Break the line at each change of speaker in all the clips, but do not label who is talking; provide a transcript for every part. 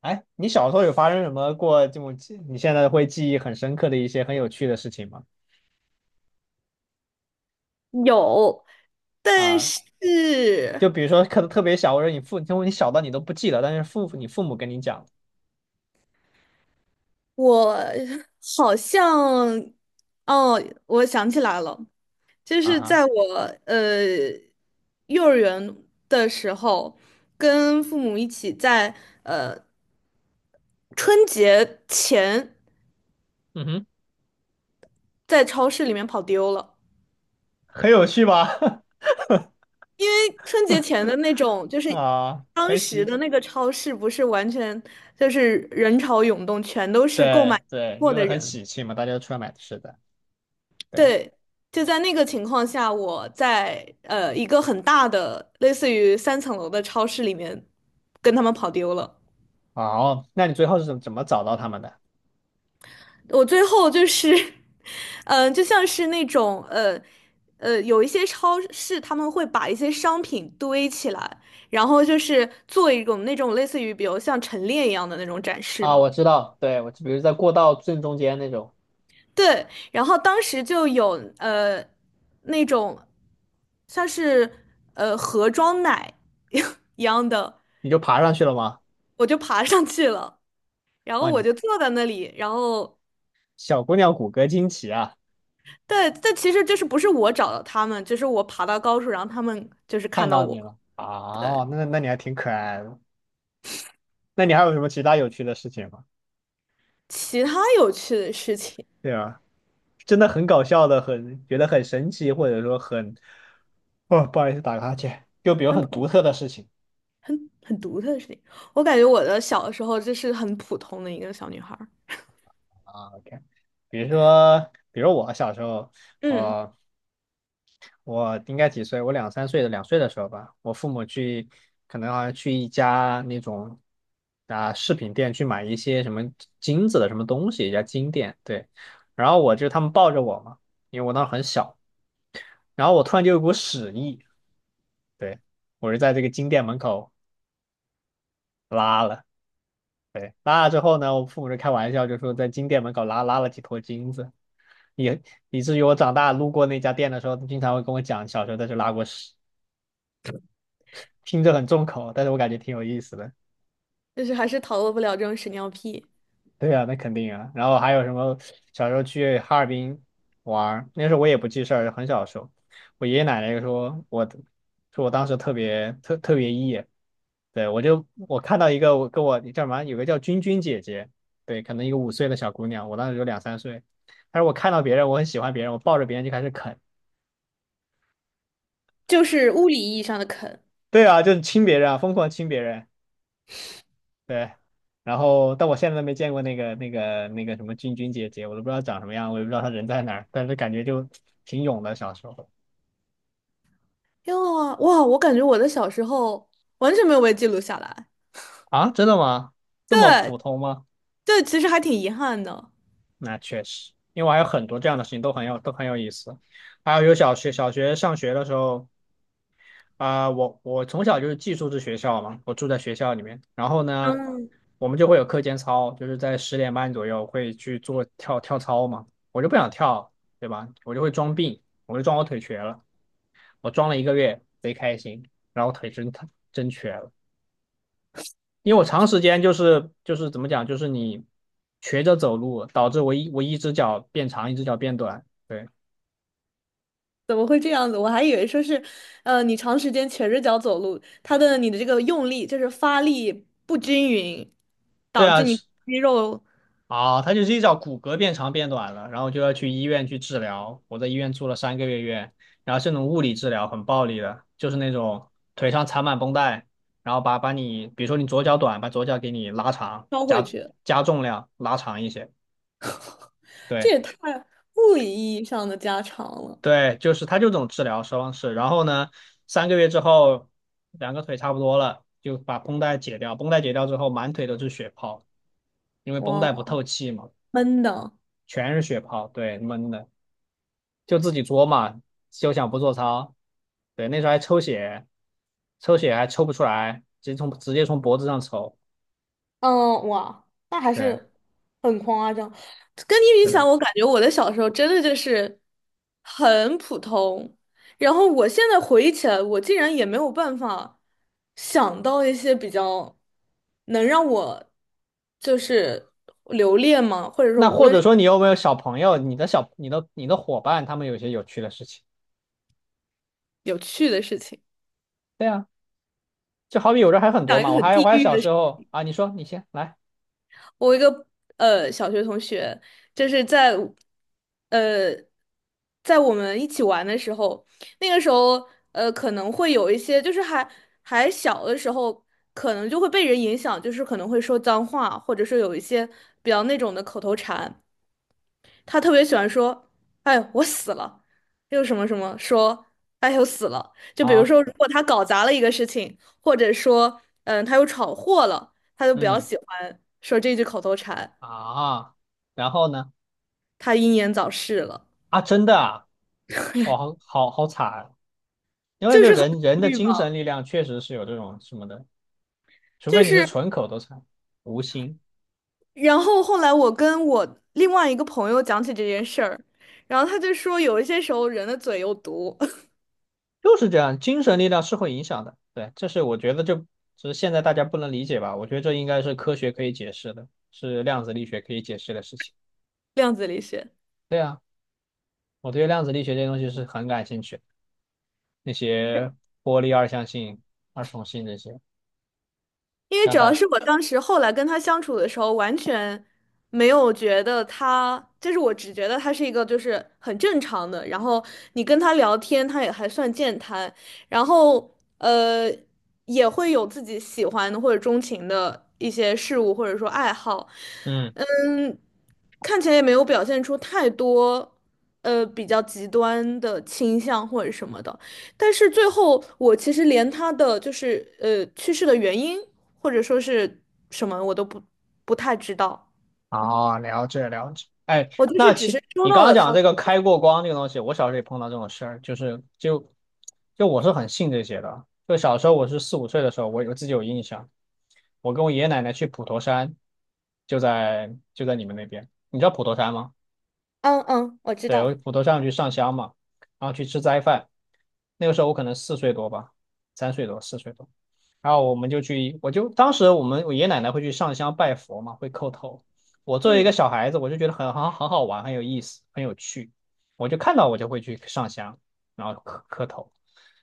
哎，你小时候有发生什么过这种记，你现在会记忆很深刻的一些很有趣的事情吗？
有，但
啊，
是
就比如说可能特别小，或者你父，就你小到你都不记得，但是父你父母跟你讲，
我好像，哦，我想起来了，就
啊
是
哈，
在我呃幼儿园的时候，跟父母一起在呃春节前
嗯哼，
在超市里面跑丢了，
很有趣吧？
因为春节前的那种就 是
啊，
当
很
时
喜，
的那个超市不是完全就是人潮涌动，全都是购买
对对，
货
因
的
为很
人。
喜庆嘛，大家都出来买吃的，对，
对，就在那个情况下，我在一个很大的类似于三层楼的超市里面跟他们跑丢了。
哦，那你最后是怎么找到他们的？
我最后就是，嗯、就像是那种有一些超市他们会把一些商品堆起来，然后就是做一种那种类似于比如像陈列一样的那种展示
啊，
嘛。
我知道，对，我就比如在过道正中间那种，
对，然后当时就有那种像是盒装奶 一样的。
你就爬上去了吗？
我就爬上去了，然
哇，
后我
你
就坐在那里，然后
小姑娘骨骼惊奇啊！
对，但其实就是不是我找到他们，就是我爬到高处，然后他们就是
看
看到
到
我。
你了啊，那你还挺可爱的。那你还有什么其他有趣的事情吗？
其他有趣的事情，
对啊，真的很搞笑的，很觉得很神奇，或者说很，哦，不好意思，打个哈欠。就比如
很
很独
普
特的事情
很很独特的事情，我感觉我的小时候就是很普通的一个小女孩儿，
啊，OK，比如说，比如我小时候，
嗯，
啊。我应该几岁？我两三岁的两岁的时候吧，我父母去，可能好像去一家那种饰品店去买一些什么金子的什么东西，一家金店。对，然后我就他们抱着我嘛，因为我当时很小，然后我突然就有股屎意，对，我就在这个金店门口拉了，对，拉了之后呢，我父母就开玩笑就说在金店门口拉了几坨金子，以以至于我长大路过那家店的时候，经常会跟我讲小时候在这拉过屎。听着很重口，但是我感觉挺有意思的。
就是还是逃脱不了这种屎尿屁，
对呀，那肯定啊。然后还有什么？小时候去哈尔滨玩儿那时候我也不记事儿，很小的时候，我爷爷奶奶说我，说我当时特别 E，对我就我看到一个我跟我叫什么，有个叫君君姐姐，对，可能一个五岁的小姑娘，我当时有两三岁，但是我看到别人，我很喜欢别人，我抱着别人就开始啃，
就是物理意义上的啃。
对啊，就是亲别人啊，疯狂亲别人。对，然后但我现在都没见过那个什么君君姐姐，我都不知道长什么样，我也不知道她人在哪儿，但是感觉就挺勇的小时候
因为哇，我感觉我的小时候完全没有被记录下来，
啊，真的吗？这么
对
普通吗？
这其实还挺遗憾的。
那确实，因为我还有很多这样的事情都很有意思，还有有小学上学的时候啊、我从小就是寄宿制学校嘛，我住在学校里面，然后呢，
嗯。
我们就会有课间操，就是在十点半左右会去做跳跳操嘛，我就不想跳，对吧？我就会装病，我就装我腿瘸了。我装了一个月，贼开心，然后腿真疼，真瘸了，因为我长时间就是怎么讲，就是你瘸着走路，导致我一只脚变长，一只脚变短。对
怎么会这样子？我还以为说是，你长时间瘸着脚走路，它的你的这个用力就是发力不均匀，
对
导致
啊，
你
是
肌肉
啊，他就是一脚骨骼变长变短了，然后就要去医院去治疗。我在医院住了三个月院，然后是那种物理治疗，很暴力的，就是那种腿上缠满绷带，然后把你，比如说你左脚短，把左脚给你拉长，
收回去，
加重量拉长一些。
这
对，
也太物理意义上的加长了，
对，就是他就这种治疗方式。然后呢，三个月之后，两个腿差不多了，就把绷带解掉。绷带解掉之后，满腿都是血泡，因为绷带不
哇，
透气嘛，
闷的。
全是血泡。对，闷的，就自己作嘛，休想不做操。对，那时候还抽血，抽血还抽不出来，直接从脖子上抽。
嗯，哇，那还
对，
是很夸张。跟你比
是
起来，
的。
我感觉我的小时候真的就是很普通。然后我现在回忆起来，我竟然也没有办法想到一些比较能让我就是留恋嘛，或者说
那
无
或
论
者
是
说你有没有小朋友，你的伙伴，他们有些有趣的事情？
有趣的事情，
对呀。就好比有人还很
讲
多
一
嘛，
个很地
我还
狱
小
的。
时
事
候啊，你说你先来
我一个小学同学，就是在呃在我们一起玩的时候，那个时候可能会有一些，就是还小的时候，可能就会被人影响，就是可能会说脏话，或者说有一些比较那种的口头禅。他特别喜欢说：“哎，我死了”，又什么什么说。哎呦死了！就比如
啊，
说，如果他搞砸了一个事情，或者说，嗯，他又闯祸了，他就比较
嗯
喜欢说这句口头禅。
啊，然后呢
他英年早逝了，
啊，真的啊，哇，好惨啊，因为
就
这
是很
人人
抑
的
郁吧，
精神力量确实是有这种什么的，除
就
非你是
是，
纯口头禅，无心，
然后后来我跟我另外一个朋友讲起这件事儿，然后他就说有一些时候人的嘴有毒，
就是这样，精神力量是会影响的，对，这是我觉得这只是现在大家不能理解吧，我觉得这应该是科学可以解释的，是量子力学可以解释的事情，
量子力学。
对啊，我对量子力学这些东西是很感兴趣的那些玻璃二象性、二重性这些
因为
像
主要
带。
是我当时后来跟他相处的时候，完全没有觉得他，就是我只觉得他是一个就是很正常的，然后你跟他聊天，他也还算健谈，然后呃也会有自己喜欢的或者钟情的一些事物或者说爱好，
嗯，
嗯，看起来也没有表现出太多比较极端的倾向或者什么的。但是最后，我其实连他的就是去世的原因或者说是什么，我都不太知道。
哦，了解了解。哎，
我就是只是收
你
到
刚刚
了
讲
他的
这个开过光这个东西，我小时候也碰到这种事儿，就是就就我是很信这些的。就小时候我是四五岁的时候，我有自己有印象，我跟我爷爷奶奶去普陀山，就在你们那边。你知道普陀山吗？
嗯嗯，我知
对，我
道，
骨头上去上香嘛，然后去吃斋饭。那个时候我可能四岁多吧，三岁多，四岁多。然后我们就去，我就当时我爷爷奶奶会去上香拜佛嘛，会叩头。我作为一
嗯
个小孩子，我就觉得很好玩，很有意思，很有趣。我就看到我就会去上香，然后磕磕头。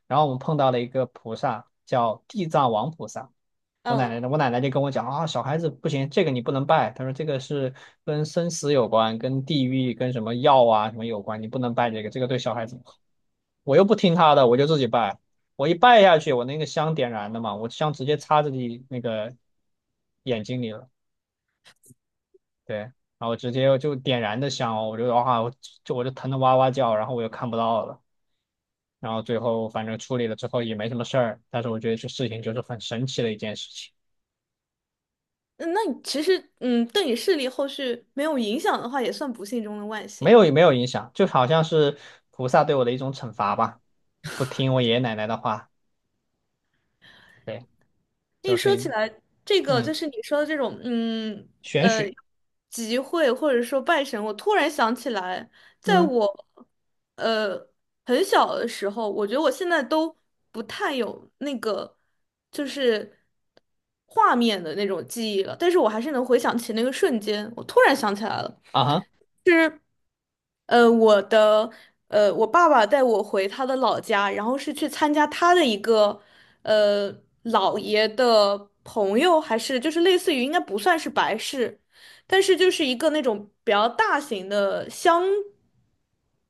然后我们碰到了一个菩萨，叫地藏王菩萨。
嗯，
我奶奶就跟我讲啊，小孩子不行，这个你不能拜。她说这个是跟生死有关，跟地狱、跟什么药啊什么有关，你不能拜这个，这个对小孩子不好。我又不听她的，我就自己拜。我一拜下去，我那个香点燃的嘛，我香直接插自己那个眼睛里了，对，然后直接就点燃的香哦，我就哇，我就疼得哇哇叫，然后我又看不到了，然后最后反正处理了之后也没什么事儿，但是我觉得这事情就是很神奇的一件事情。
嗯那你其实嗯，对你视力后续没有影响的话，也算不幸中的万
没
幸。
有没有影响，就好像是菩萨对我的一种惩罚吧，不听我爷爷奶奶的话，对，
一
就
说
是
起来，这个
嗯
就是你说的这种，嗯，
玄
呃，
学，
集会或者说拜神，我突然想起来，在
嗯
我，呃，很小的时候，我觉得我现在都不太有那个，就是画面的那种记忆了，但是我还是能回想起那个瞬间，我突然想起来了。
啊哈
是我的我爸爸带我回他的老家，然后是去参加他的一个呃姥爷的朋友，还是就是类似于应该不算是白事，但是就是一个那种比较大型的乡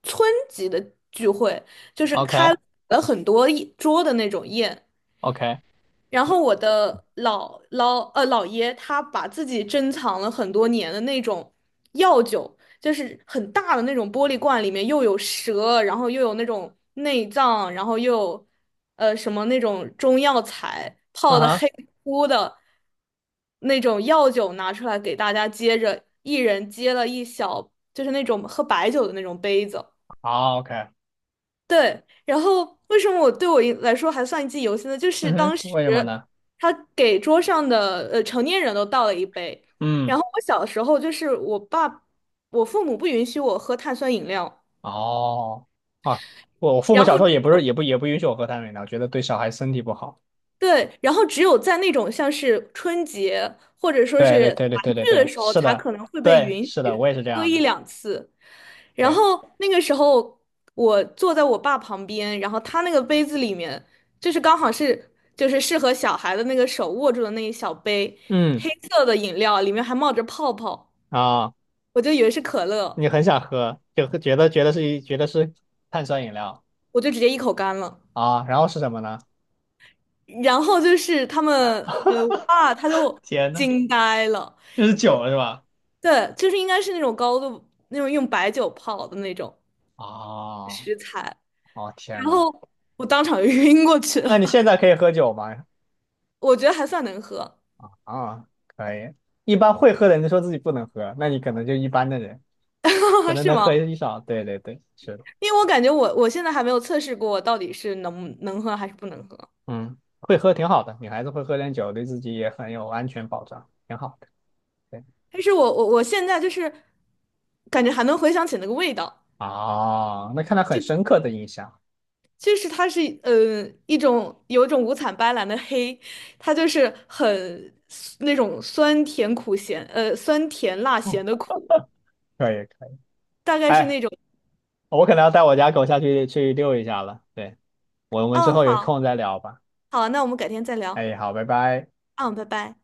村级的聚会，就是
，OK
开了很多一桌的那种宴。
OK，
然后我的老老呃姥爷他把自己珍藏了很多年的那种药酒，就是很大的那种玻璃罐，里面又有蛇，然后又有那种内脏，然后又有什么那种中药材
嗯
泡的黑
哈，
乎乎的那种药酒拿出来给大家接着，一人接了一小，就是那种喝白酒的那种杯子。
好 OK，
对，然后为什么我对我一来说还算一记忆犹新呢？就是
嗯哼，
当时
为什么呢？
他给桌上的成年人都倒了一杯，然
嗯，
后我小时候就是我爸，我父母不允许我喝碳酸饮料，
哦，啊，我父母
然后
小时候也不是也不也不允许我喝碳酸饮料，我觉得对小孩身体不好。
对，然后只有在那种像是春节或者说
对对
是
对对对
团聚
对
的
对，
时候，
是
才
的，
可能会被
对
允
是的，我
许
也是这
喝
样
一
的，
两次。然
对，
后那个时候，我坐在我爸旁边，然后他那个杯子里面，就是刚好是就是适合小孩的那个手握住的那一小杯
嗯
黑色的饮料，里面还冒着泡泡，
啊，
我就以为是可乐，
你很想喝，就觉得觉得是碳酸饮料。
我就直接一口干了。
啊，然后是什么呢？
然后就是他们，我 爸他就
天呐，
惊呆了。
这是酒了是吧？
对，就是应该是那种高度，那种用白酒泡的那种
哦，
食材，
哦天
然
呐，
后我当场就 晕过去
那你
了，
现在可以喝酒吗？
我觉得还算能喝，
啊，可以。一般会喝的人就说自己不能喝，那你可能就一般的人，可 能
是
能
吗？
喝一少。对对对，是的，
因为我感觉我现在还没有测试过我到底是能喝还是不能喝，
嗯，会喝挺好的，女孩子会喝点酒，对自己也很有安全保障，挺好的。对，
但是我现在就是感觉还能回想起那个味道。
哦，那看来很深刻的印象。
就是它是一种有一种五彩斑斓的黑，它就是很那种酸甜苦咸，酸甜辣
嗯，
咸的苦，
可以可以。
大概是
哎，
那种。
我可能要带我家狗下去去遛一下了。对，我们之
嗯
后有
好。
空再聊吧。
好，那我们改天再聊。
哎，好，拜拜。
嗯，拜拜。